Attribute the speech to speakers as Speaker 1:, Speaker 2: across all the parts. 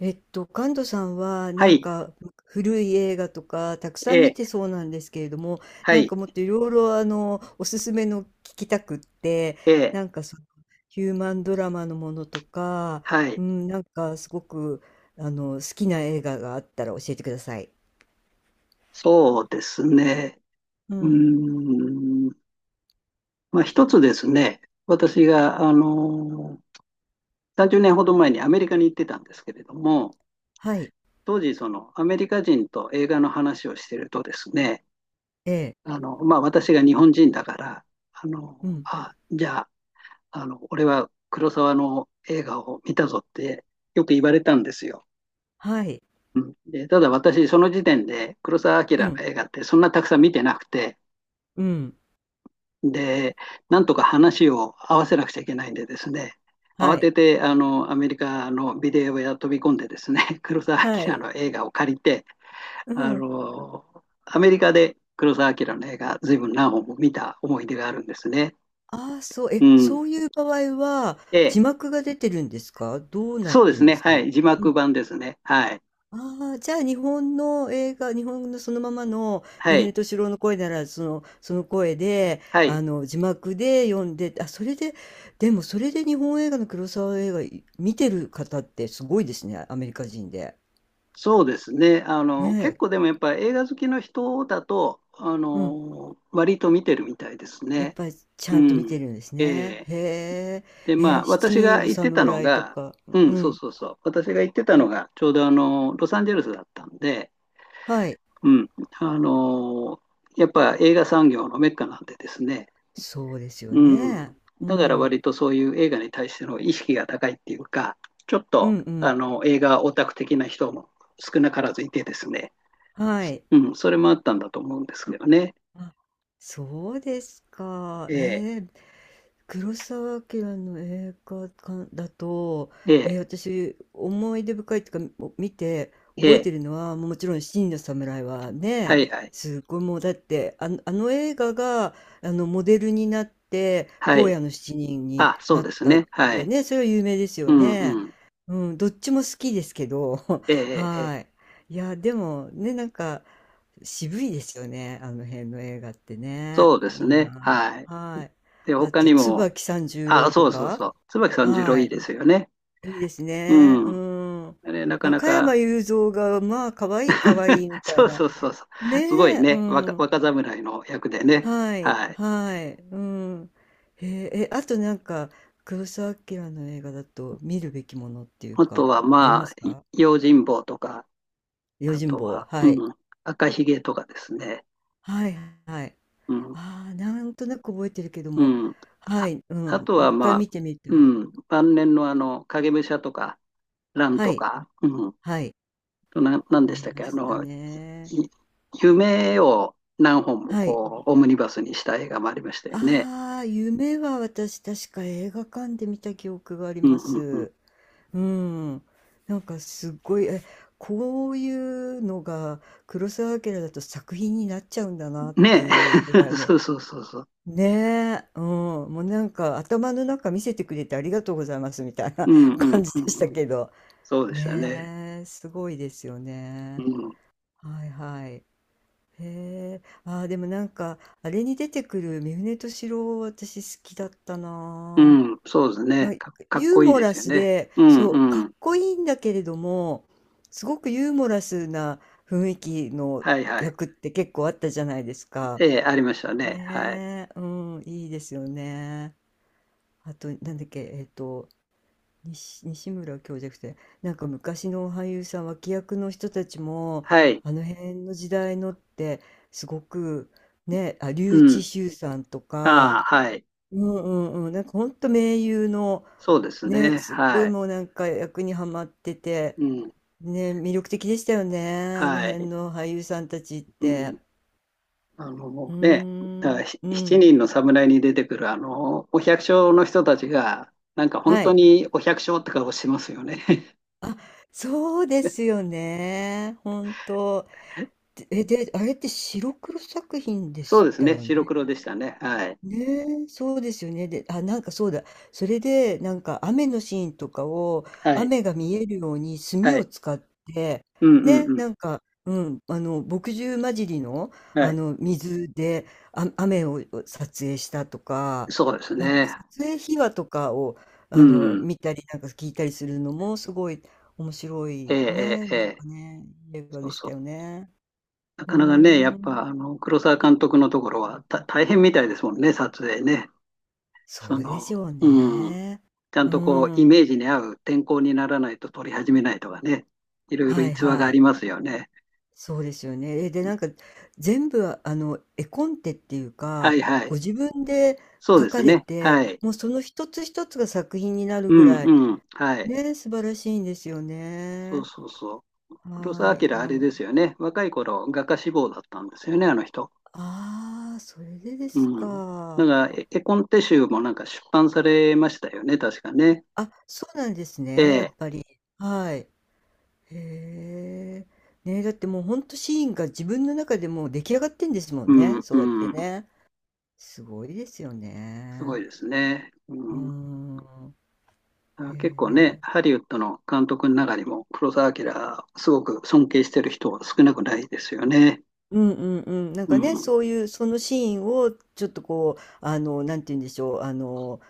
Speaker 1: カン門さんは
Speaker 2: は
Speaker 1: なん
Speaker 2: い、
Speaker 1: か古い映画とかたく
Speaker 2: え
Speaker 1: さん見
Speaker 2: え、
Speaker 1: てそうなんですけれども、
Speaker 2: は
Speaker 1: なん
Speaker 2: い、
Speaker 1: かもっといろいろおすすめの聞きたくって、
Speaker 2: ええ、
Speaker 1: なんかその、ヒューマンドラマのものとか、
Speaker 2: は
Speaker 1: う
Speaker 2: い、
Speaker 1: ん、なんかすごく好きな映画があったら教えてください。
Speaker 2: そうですね。
Speaker 1: う
Speaker 2: う
Speaker 1: ん。
Speaker 2: ーん、まあ一つですね、私が、30年ほど前にアメリカに行ってたんですけれども、
Speaker 1: はい。
Speaker 2: 当時、そのアメリカ人と映画の話をしてるとですね、
Speaker 1: ええ。
Speaker 2: まあ私が日本人だから、
Speaker 1: うん。
Speaker 2: あ、じゃあ、俺は黒沢の映画を見たぞってよく言われたんですよ。
Speaker 1: はい。
Speaker 2: うんで、ただ私、その時点で黒澤明
Speaker 1: う
Speaker 2: の
Speaker 1: ん。
Speaker 2: 映画ってそんなたくさん見てなくて、
Speaker 1: うん。
Speaker 2: で、なんとか話を合わせなくちゃいけないんでですね、
Speaker 1: は
Speaker 2: 慌
Speaker 1: い。
Speaker 2: ててアメリカのビデオ屋飛び込んでですね、黒澤
Speaker 1: は
Speaker 2: 明
Speaker 1: い。
Speaker 2: の映画を借りて、
Speaker 1: う
Speaker 2: あ
Speaker 1: ん。
Speaker 2: の、アメリカで黒澤明の映画、ずいぶん何本も見た思い出があるんですね。
Speaker 1: ああ、そう、
Speaker 2: うん。
Speaker 1: そういう場合は、
Speaker 2: え
Speaker 1: 字
Speaker 2: え、
Speaker 1: 幕が出てるんですか、どうなっ
Speaker 2: そうで
Speaker 1: て
Speaker 2: す
Speaker 1: るんで
Speaker 2: ね。
Speaker 1: すか？
Speaker 2: はい。字
Speaker 1: う
Speaker 2: 幕
Speaker 1: ん。
Speaker 2: 版ですね。はい。
Speaker 1: ああ、じゃあ日本の映画、日本のそのままの
Speaker 2: は
Speaker 1: 三船
Speaker 2: い。
Speaker 1: 敏郎の声なら、その声で、
Speaker 2: はい。
Speaker 1: 字幕で読んで、あ、それで、でもそれで日本映画の黒沢映画見てる方ってすごいですね、アメリカ人で。
Speaker 2: そうですね。
Speaker 1: ね
Speaker 2: 結
Speaker 1: え。
Speaker 2: 構でもやっぱ映画好きの人だと、
Speaker 1: うん。
Speaker 2: 割と見てるみたいです
Speaker 1: やっ
Speaker 2: ね。
Speaker 1: ぱりち
Speaker 2: う
Speaker 1: ゃんと見て
Speaker 2: ん。
Speaker 1: るんです
Speaker 2: え
Speaker 1: ね。
Speaker 2: え
Speaker 1: へ
Speaker 2: で、
Speaker 1: え、
Speaker 2: まあ、
Speaker 1: 七
Speaker 2: 私
Speaker 1: 人
Speaker 2: が
Speaker 1: の
Speaker 2: 行ってたの
Speaker 1: 侍と
Speaker 2: が、
Speaker 1: か。
Speaker 2: う
Speaker 1: う
Speaker 2: ん、そう
Speaker 1: ん。
Speaker 2: そうそう。私が行ってた
Speaker 1: う
Speaker 2: の
Speaker 1: ん、
Speaker 2: が、ちょうどロサンゼルスだったんで、
Speaker 1: はい。
Speaker 2: うん。あの、やっぱ映画産業のメッカなんでですね。
Speaker 1: そうですよ
Speaker 2: うん。
Speaker 1: ね。う
Speaker 2: だから
Speaker 1: ん。
Speaker 2: 割とそういう映画に対しての意識が高いっていうか、ちょっ
Speaker 1: う
Speaker 2: と、
Speaker 1: んうん。
Speaker 2: 映画オタク的な人も少なからずいてですね。
Speaker 1: はい。
Speaker 2: うん、それもあったんだと思うんですけどね。
Speaker 1: あ、そうですか。
Speaker 2: ええ、
Speaker 1: ええ、黒澤明の映画館だと、
Speaker 2: ええ、
Speaker 1: 私思い出深いっていうか、もう見て
Speaker 2: え
Speaker 1: 覚え
Speaker 2: え、
Speaker 1: てるのはもちろん「七人の侍」は
Speaker 2: は
Speaker 1: ね、
Speaker 2: いはい、
Speaker 1: すごい、もうだってあの映画がモデルになって
Speaker 2: は
Speaker 1: 「荒
Speaker 2: い。
Speaker 1: 野の七人」に
Speaker 2: あ、そ
Speaker 1: な
Speaker 2: う
Speaker 1: っ
Speaker 2: です
Speaker 1: たっ
Speaker 2: ね。は
Speaker 1: て
Speaker 2: い。
Speaker 1: ね、それは有名ですよ
Speaker 2: うんう
Speaker 1: ね。
Speaker 2: ん。
Speaker 1: うん、どっちも好きですけど。
Speaker 2: ええ、ええ、ええ
Speaker 1: はい。いやでもね、なんか渋いですよね、あの辺の映画ってね。
Speaker 2: そうです
Speaker 1: いい
Speaker 2: ね。
Speaker 1: な。
Speaker 2: はい。
Speaker 1: はい。
Speaker 2: で、
Speaker 1: あ
Speaker 2: 他
Speaker 1: と、
Speaker 2: にも、
Speaker 1: 椿三十郎
Speaker 2: あ、
Speaker 1: と
Speaker 2: そうそう
Speaker 1: か。
Speaker 2: そう。椿三十郎
Speaker 1: は
Speaker 2: いいですよね。
Speaker 1: い。いいですね。
Speaker 2: う
Speaker 1: う
Speaker 2: ん。
Speaker 1: ん。
Speaker 2: あれ、なかな
Speaker 1: 加山
Speaker 2: か、
Speaker 1: 雄三が、まあ、可愛い可愛いみ た
Speaker 2: そ
Speaker 1: い
Speaker 2: う
Speaker 1: な。
Speaker 2: そうそうそ
Speaker 1: ね
Speaker 2: う。すごい
Speaker 1: え。う
Speaker 2: ね、
Speaker 1: ん。
Speaker 2: 若侍の役でね。
Speaker 1: はい、
Speaker 2: はい。
Speaker 1: はい、うん。へえ、あとなんか、黒澤明の映画だと見るべきものっていう
Speaker 2: あと
Speaker 1: か、
Speaker 2: は、
Speaker 1: あり
Speaker 2: ま
Speaker 1: ま
Speaker 2: あ、
Speaker 1: すか？
Speaker 2: 用心棒とか、
Speaker 1: 用
Speaker 2: あ
Speaker 1: 心
Speaker 2: と
Speaker 1: 棒。
Speaker 2: は、
Speaker 1: はい。
Speaker 2: 赤ひげとかですね。
Speaker 1: はい、はい。
Speaker 2: うん
Speaker 1: ああ、なんとなく覚えてるけど
Speaker 2: う
Speaker 1: も、
Speaker 2: ん。
Speaker 1: は
Speaker 2: あ、
Speaker 1: い、う
Speaker 2: あ
Speaker 1: ん、
Speaker 2: と
Speaker 1: もう
Speaker 2: は、
Speaker 1: 一回
Speaker 2: まあ、
Speaker 1: 見てみた
Speaker 2: う
Speaker 1: い。
Speaker 2: 晩年のあの、影武者とか、ン
Speaker 1: は
Speaker 2: と
Speaker 1: い、
Speaker 2: か、
Speaker 1: はい、
Speaker 2: なん
Speaker 1: あ
Speaker 2: でした
Speaker 1: り
Speaker 2: っ
Speaker 1: ま
Speaker 2: け、あ
Speaker 1: した
Speaker 2: の、い
Speaker 1: ね。
Speaker 2: 夢を何本も
Speaker 1: はい。
Speaker 2: こう、オムニバスにした映画もありましたよね。
Speaker 1: ああ、夢は私確か映画館で見た記憶があり
Speaker 2: うん、う
Speaker 1: ま
Speaker 2: ん、うん。
Speaker 1: す。うん。なんかすっごい、こういうのが黒澤明だと作品になっちゃうんだなって
Speaker 2: ね
Speaker 1: いうぐらい
Speaker 2: え。
Speaker 1: の。
Speaker 2: そうそうそうそう。
Speaker 1: ねえ、うん、もうなんか頭の中見せてくれてありがとうございますみたいな
Speaker 2: う ん、うん、
Speaker 1: 感じ
Speaker 2: う
Speaker 1: で
Speaker 2: ん。
Speaker 1: した
Speaker 2: うん
Speaker 1: けど。
Speaker 2: そうでしたね。
Speaker 1: ねえ、すごいですよ
Speaker 2: う
Speaker 1: ね。
Speaker 2: ん、
Speaker 1: はいはい。へえ、でもなんか、あれに出てくる三船敏郎、私好きだった
Speaker 2: う
Speaker 1: な
Speaker 2: ん、そうです
Speaker 1: あ。な
Speaker 2: ね。
Speaker 1: んか
Speaker 2: かっ
Speaker 1: ユー
Speaker 2: こいい
Speaker 1: モ
Speaker 2: で
Speaker 1: ラ
Speaker 2: すよ
Speaker 1: ス
Speaker 2: ね。
Speaker 1: で、
Speaker 2: うん、
Speaker 1: そう、か
Speaker 2: う
Speaker 1: っ
Speaker 2: ん。
Speaker 1: こいいんだけれども、すごくユーモラスな雰囲気の
Speaker 2: はいはい。
Speaker 1: 役って結構あったじゃないですか。
Speaker 2: ええ、ありましたね。はい。
Speaker 1: ねえ。うん、いいですよね。あと、なんだっけ、西村教授じなて、なんか昔の俳優さん、脇役の人たちも、
Speaker 2: はい。
Speaker 1: あの辺の時代のって、すごく、ね、あ、笠
Speaker 2: う
Speaker 1: 智
Speaker 2: ん。
Speaker 1: 衆さんと
Speaker 2: あ
Speaker 1: か、
Speaker 2: あ、はい。
Speaker 1: うんうんうん、なんかほんと名優の、
Speaker 2: そうです
Speaker 1: ね、
Speaker 2: ね。
Speaker 1: すっごい、
Speaker 2: はい。
Speaker 1: もうなんか役にはまってて、
Speaker 2: うん、
Speaker 1: ね、魅力的でしたよね、あの
Speaker 2: は
Speaker 1: 辺
Speaker 2: い。
Speaker 1: の俳優さんたちっ
Speaker 2: う
Speaker 1: て。
Speaker 2: ん、あの
Speaker 1: うー
Speaker 2: ね、だから
Speaker 1: ん、う
Speaker 2: 七
Speaker 1: ん、
Speaker 2: 人の侍に出てくるあのお百姓の人たちが、なんか本
Speaker 1: は
Speaker 2: 当
Speaker 1: い。
Speaker 2: にお百姓って顔してますよね。
Speaker 1: あ、そうですよね、本当で、で、あれって白黒作品で
Speaker 2: そう
Speaker 1: し
Speaker 2: です
Speaker 1: た
Speaker 2: ね、
Speaker 1: よ
Speaker 2: 白
Speaker 1: ね。
Speaker 2: 黒でしたね。はい。
Speaker 1: ねえ、そうですよね。で、あ、なんかそうだ。それで、なんか雨のシーンとかを、
Speaker 2: はい。
Speaker 1: 雨が見えるように墨
Speaker 2: は
Speaker 1: を
Speaker 2: い。
Speaker 1: 使って、
Speaker 2: うんう
Speaker 1: ね、
Speaker 2: んう
Speaker 1: なんか、うん、墨汁混じりの、
Speaker 2: ん。はい。
Speaker 1: 水で、あ、雨を撮影したとか、
Speaker 2: そうです
Speaker 1: なんか
Speaker 2: ね。
Speaker 1: 撮影秘話とかを、
Speaker 2: うん。
Speaker 1: 見たり、なんか聞いたりするのも、すごい面白
Speaker 2: ええ
Speaker 1: い
Speaker 2: え
Speaker 1: ね、
Speaker 2: ええ
Speaker 1: なん
Speaker 2: え
Speaker 1: かね、映画
Speaker 2: そう
Speaker 1: でし
Speaker 2: そ
Speaker 1: た
Speaker 2: う。
Speaker 1: よね。
Speaker 2: な
Speaker 1: う
Speaker 2: かなかね、や
Speaker 1: ー
Speaker 2: っぱ
Speaker 1: ん。
Speaker 2: あの黒澤監督のところは大変みたいですもんね、撮影ね。
Speaker 1: そ
Speaker 2: そ
Speaker 1: うで
Speaker 2: の、
Speaker 1: しょう
Speaker 2: うん。
Speaker 1: ね。
Speaker 2: ちゃん
Speaker 1: うー
Speaker 2: とこう、イメ
Speaker 1: ん。
Speaker 2: ージに合う天候にならないと取り始めないとかね、いろいろ
Speaker 1: はい
Speaker 2: 逸話が
Speaker 1: は
Speaker 2: あ
Speaker 1: い。
Speaker 2: りますよね。
Speaker 1: そうですよね。で、なんか全部絵コンテっていう
Speaker 2: は
Speaker 1: か、
Speaker 2: いは
Speaker 1: ご
Speaker 2: い。
Speaker 1: 自分で
Speaker 2: そう
Speaker 1: 描
Speaker 2: です
Speaker 1: かれ
Speaker 2: ね。
Speaker 1: て、
Speaker 2: はい。
Speaker 1: もうその一つ一つが作品になる
Speaker 2: う
Speaker 1: ぐら
Speaker 2: ん
Speaker 1: い、
Speaker 2: うん。はい。
Speaker 1: ね、素晴らしいんですよ
Speaker 2: そう
Speaker 1: ね。
Speaker 2: そうそう。黒
Speaker 1: は
Speaker 2: 澤
Speaker 1: い。
Speaker 2: 明、あれですよね。若い頃、画家志望だったんですよね、あの人。
Speaker 1: ああ、それでです
Speaker 2: うん。
Speaker 1: か。
Speaker 2: なんか、絵コンテ集もなんか出版されましたよね、確かね。
Speaker 1: あ、そうなんです
Speaker 2: え
Speaker 1: ね、やっ
Speaker 2: え。
Speaker 1: ぱり。はい。へえ。ね、だってもうほんとシーンが自分の中でもう出来上がってんですも
Speaker 2: う
Speaker 1: んね、
Speaker 2: ん
Speaker 1: そうやって
Speaker 2: うん。
Speaker 1: ね。すごいですよ
Speaker 2: すご
Speaker 1: ね。
Speaker 2: いですね。
Speaker 1: うー
Speaker 2: うん
Speaker 1: ん。
Speaker 2: あ結構ね、
Speaker 1: へえ。
Speaker 2: ハリウッドの監督の中にも、黒澤明、すごく尊敬してる人は少なくないですよね。
Speaker 1: うんうんうん。なん
Speaker 2: う
Speaker 1: かね、
Speaker 2: ん。
Speaker 1: そういう、そのシーンをちょっとこう、なんて言うんでしょう、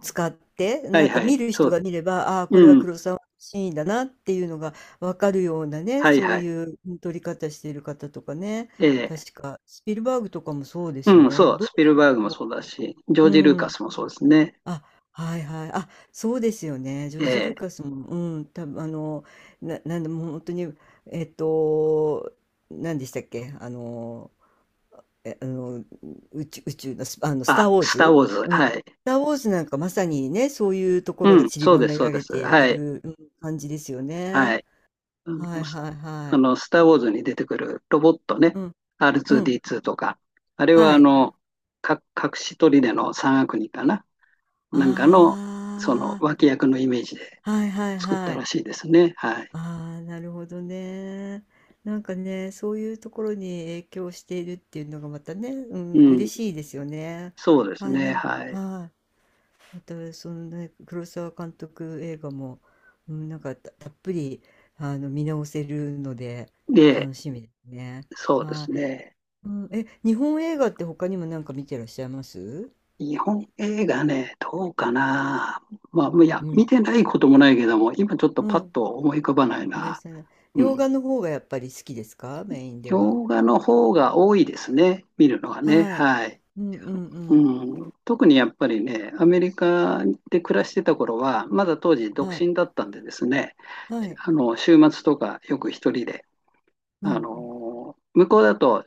Speaker 1: 使って、
Speaker 2: は
Speaker 1: な
Speaker 2: い
Speaker 1: んか
Speaker 2: は
Speaker 1: 見
Speaker 2: い。
Speaker 1: る
Speaker 2: そ
Speaker 1: 人が
Speaker 2: う。
Speaker 1: 見れば、これ
Speaker 2: う
Speaker 1: は
Speaker 2: ん。
Speaker 1: 黒沢のシーンだなっていうのがわかるようなね、
Speaker 2: はい
Speaker 1: そう
Speaker 2: はい。
Speaker 1: いう撮り方している方とかね、
Speaker 2: ええ。
Speaker 1: 確か、スピルバーグとかもそうですよ
Speaker 2: うん、
Speaker 1: ね。
Speaker 2: そう。
Speaker 1: ど
Speaker 2: ス
Speaker 1: の
Speaker 2: ピル
Speaker 1: シーン
Speaker 2: バー
Speaker 1: で
Speaker 2: グも
Speaker 1: どうっ
Speaker 2: そうだ
Speaker 1: て。
Speaker 2: し、ジョー
Speaker 1: う
Speaker 2: ジ・ルーカ
Speaker 1: ん。
Speaker 2: スもそうですね。
Speaker 1: あ、はいはい。あ、そうですよね。ジョ
Speaker 2: え
Speaker 1: ージ・ルー
Speaker 2: え。
Speaker 1: カスも、うん、たぶん、なんでもう本当に、えっと、何でしたっけ、あの、え、あの、宇宙のス、あの、スター・
Speaker 2: あ、
Speaker 1: ウォー
Speaker 2: スター・
Speaker 1: ズ。
Speaker 2: ウォーズ。
Speaker 1: う
Speaker 2: は
Speaker 1: ん。ス
Speaker 2: い。
Speaker 1: ター・ウォーズなんかまさにね、そういうとこ
Speaker 2: う
Speaker 1: ろが
Speaker 2: ん、
Speaker 1: 散り
Speaker 2: そう
Speaker 1: ば
Speaker 2: です、
Speaker 1: め
Speaker 2: そう
Speaker 1: ら
Speaker 2: で
Speaker 1: れ
Speaker 2: す。
Speaker 1: て
Speaker 2: は
Speaker 1: い
Speaker 2: い。
Speaker 1: る、感じですよ
Speaker 2: は
Speaker 1: ね。
Speaker 2: い。あ
Speaker 1: は
Speaker 2: の、
Speaker 1: い
Speaker 2: ス
Speaker 1: はいは
Speaker 2: あ
Speaker 1: い。
Speaker 2: のスター・ウォーズに出てくるロボットね。
Speaker 1: うん、うん、
Speaker 2: R2D2 とか。あれは、
Speaker 1: はい。
Speaker 2: 隠し砦の三悪人かな。なんかの、その
Speaker 1: あ
Speaker 2: 脇役のイメージで
Speaker 1: あ、はいはい
Speaker 2: 作っ
Speaker 1: は
Speaker 2: たら
Speaker 1: い。
Speaker 2: しいですね。はい。
Speaker 1: ああ、なるほどね。なんかね、そういうところに影響しているっていうのがまたね、う
Speaker 2: う
Speaker 1: ん、
Speaker 2: ん。
Speaker 1: 嬉しいですよね。
Speaker 2: そうです
Speaker 1: あ、
Speaker 2: ね。はい。
Speaker 1: はい。また、そのね、黒沢監督映画も、うん、なんかたっぷり、見直せるので、
Speaker 2: で、
Speaker 1: 楽しみですね。
Speaker 2: そうで
Speaker 1: は
Speaker 2: すね。
Speaker 1: い。うん、日本映画って他にもなんか見てらっしゃいます？
Speaker 2: 日本映画ね、どうかな。まあ、いや、
Speaker 1: う
Speaker 2: 見
Speaker 1: ん、
Speaker 2: てないこともないけども、今ちょっと
Speaker 1: う
Speaker 2: パッ
Speaker 1: ん、
Speaker 2: と思い浮かばない
Speaker 1: ごめんな
Speaker 2: な。
Speaker 1: さいね。
Speaker 2: う
Speaker 1: 洋
Speaker 2: ん。
Speaker 1: 画の方がやっぱり好きですか？メインでは。
Speaker 2: 洋画の方が多いですね。見るのはね。
Speaker 1: はい。
Speaker 2: はい。
Speaker 1: うんうんう
Speaker 2: う
Speaker 1: ん。
Speaker 2: ん、特にやっぱりね、アメリカで暮らしてた頃は、まだ当時独
Speaker 1: はい。
Speaker 2: 身だったんでですね、
Speaker 1: はい。
Speaker 2: 週末とかよく一人で
Speaker 1: う
Speaker 2: あ
Speaker 1: ん。
Speaker 2: の向こうだと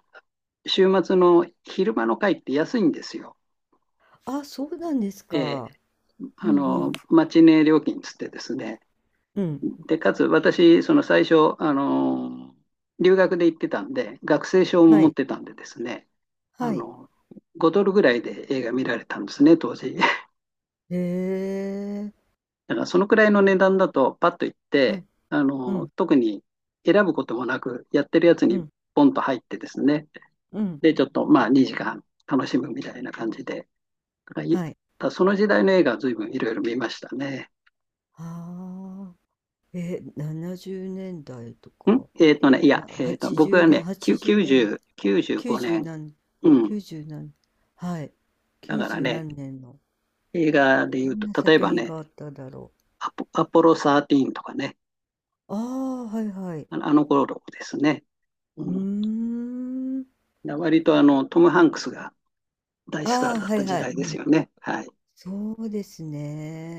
Speaker 2: 週末の昼間の会って安いんですよ。
Speaker 1: あ、そうなんです
Speaker 2: え
Speaker 1: か。うんうん。
Speaker 2: マチネ料金つってですね。
Speaker 1: うん。
Speaker 2: で、かつ私、その最初、留学で行ってたんで、学生証も
Speaker 1: は
Speaker 2: 持っ
Speaker 1: い。
Speaker 2: てたんでですね、あ
Speaker 1: はい。
Speaker 2: の5ドルぐらいで映画見られたんですね、当時。
Speaker 1: へえ。
Speaker 2: だからそのくらいの値段だと、パッと行っ
Speaker 1: う
Speaker 2: て、
Speaker 1: ん。うん。
Speaker 2: 特に選ぶこともなく、やってるやつ
Speaker 1: う
Speaker 2: に
Speaker 1: ん。
Speaker 2: ポンと入ってですね、
Speaker 1: うん。
Speaker 2: で、ちょっとまあ2時間楽しむみたいな感じで。だ
Speaker 1: はい。
Speaker 2: かその時代の映画は随分いろいろ見ましたね。
Speaker 1: ああ。70年代とか、
Speaker 2: いや、僕
Speaker 1: 80
Speaker 2: は
Speaker 1: 年、
Speaker 2: ね、
Speaker 1: 80年、
Speaker 2: 90、95
Speaker 1: 90
Speaker 2: 年。
Speaker 1: 何、
Speaker 2: うん。
Speaker 1: 90何、はい。
Speaker 2: だから
Speaker 1: 90
Speaker 2: ね、
Speaker 1: 何年の、
Speaker 2: 映画で言
Speaker 1: ど
Speaker 2: う
Speaker 1: んな
Speaker 2: と、例え
Speaker 1: 作
Speaker 2: ば
Speaker 1: 品
Speaker 2: ね、
Speaker 1: があっただろ
Speaker 2: アポロ13とかね、
Speaker 1: う。ああ、はいはい。
Speaker 2: あの頃ですね。う
Speaker 1: うー
Speaker 2: ん。
Speaker 1: ん。
Speaker 2: 割とトム・ハンクスが大スタ
Speaker 1: あ
Speaker 2: ー
Speaker 1: あ、
Speaker 2: だっ
Speaker 1: は
Speaker 2: た
Speaker 1: い
Speaker 2: 時
Speaker 1: はい。
Speaker 2: 代ですよね。はい。
Speaker 1: そうです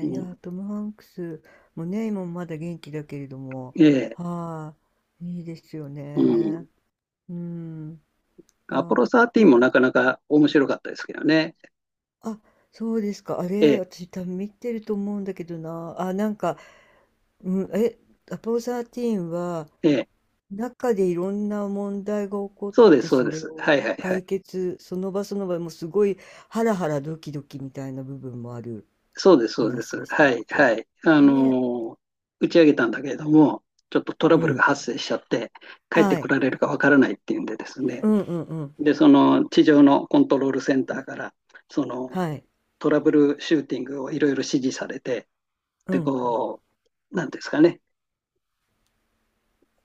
Speaker 2: う
Speaker 1: いや、
Speaker 2: ん。
Speaker 1: トム・ハンクスもね、今もまだ元気だけれども、
Speaker 2: ええ、
Speaker 1: はい、いいですよ
Speaker 2: うん。
Speaker 1: ね。うん。い
Speaker 2: アポ
Speaker 1: や、
Speaker 2: ロ13も
Speaker 1: え、
Speaker 2: なかなか面白かったですけどね。
Speaker 1: あ、そうですか。あ
Speaker 2: え
Speaker 1: れ、
Speaker 2: え、
Speaker 1: 私多分見てると思うんだけどな。あ、なんか、うん、アポロ13は、
Speaker 2: ええ。
Speaker 1: 中でいろんな問題が起こっ
Speaker 2: そうです、
Speaker 1: て、
Speaker 2: そう
Speaker 1: そ
Speaker 2: で
Speaker 1: れ
Speaker 2: す。はい
Speaker 1: を
Speaker 2: はいは
Speaker 1: 解
Speaker 2: い。
Speaker 1: 決、その場その場、もうすごいハラハラドキドキみたいな部分もある
Speaker 2: そうです、そうです。
Speaker 1: 話でした
Speaker 2: は
Speaker 1: っ
Speaker 2: い、
Speaker 1: け
Speaker 2: はい。
Speaker 1: ね。
Speaker 2: 打ち上げたんだけれども、ちょっとトラ
Speaker 1: う
Speaker 2: ブルが
Speaker 1: ん。
Speaker 2: 発生しちゃって、帰って
Speaker 1: は
Speaker 2: こ
Speaker 1: い。
Speaker 2: られるかわからないっていうんでですね。
Speaker 1: うんうんうん。
Speaker 2: で、その地上のコントロールセンターから、その
Speaker 1: はい。
Speaker 2: トラブルシューティングをいろいろ指示されて、
Speaker 1: う
Speaker 2: で、
Speaker 1: ん。
Speaker 2: こう、なんていうんですかね。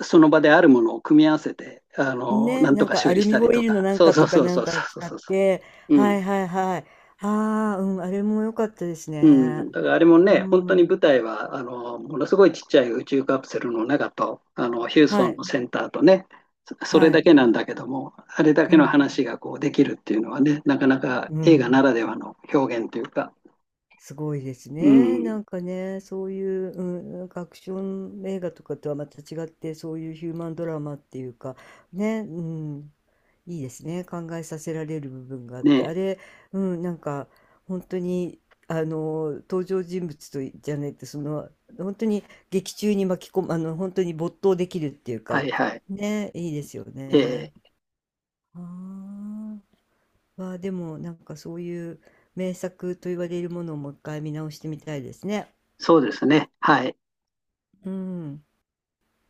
Speaker 2: その場であるものを組み合わせて、な
Speaker 1: ね、
Speaker 2: んと
Speaker 1: なん
Speaker 2: か
Speaker 1: か
Speaker 2: 修
Speaker 1: ア
Speaker 2: 理
Speaker 1: ル
Speaker 2: し
Speaker 1: ミ
Speaker 2: たり
Speaker 1: ホイ
Speaker 2: と
Speaker 1: ルの
Speaker 2: か。
Speaker 1: なん
Speaker 2: そう
Speaker 1: か
Speaker 2: そう
Speaker 1: とか
Speaker 2: そう
Speaker 1: な
Speaker 2: そ
Speaker 1: ん
Speaker 2: うそ
Speaker 1: か
Speaker 2: う
Speaker 1: 使っ
Speaker 2: そうそ
Speaker 1: て、
Speaker 2: う。う
Speaker 1: は
Speaker 2: ん。
Speaker 1: いはいはい。ああ、うん、あれも良かったです
Speaker 2: う
Speaker 1: ね。
Speaker 2: ん、だからあれも
Speaker 1: う
Speaker 2: ね、本当に
Speaker 1: ん。
Speaker 2: 舞台はあのものすごいちっちゃい宇宙カプセルの中とあのヒュース
Speaker 1: は
Speaker 2: トン
Speaker 1: い、
Speaker 2: のセンターとね、それ
Speaker 1: は
Speaker 2: だ
Speaker 1: い。
Speaker 2: けなんだけども、あれだ
Speaker 1: う
Speaker 2: けの
Speaker 1: ん、
Speaker 2: 話がこうできるっていうのはね、なかなか
Speaker 1: う
Speaker 2: 映画
Speaker 1: ん。
Speaker 2: ならではの表現というか、
Speaker 1: すごいです
Speaker 2: う
Speaker 1: ね。
Speaker 2: ん、
Speaker 1: なんかね、そういう、うん、なんかアクション映画とかとはまた違って、そういうヒューマンドラマっていうか、ね、うん、いいですね。考えさせられる部分があって、
Speaker 2: ね、
Speaker 1: あれ、うん、なんか本当に、登場人物とじゃないと、その、本当に劇中に巻き込む、本当に没頭できるっていう
Speaker 2: は
Speaker 1: か、
Speaker 2: いはい。
Speaker 1: ね、いいですよ
Speaker 2: え
Speaker 1: ね。
Speaker 2: ー
Speaker 1: ああ。はあ、でもなんかそういう名作と言われるものをもう一回見直してみたいですね。
Speaker 2: そうですね、はい。
Speaker 1: うん。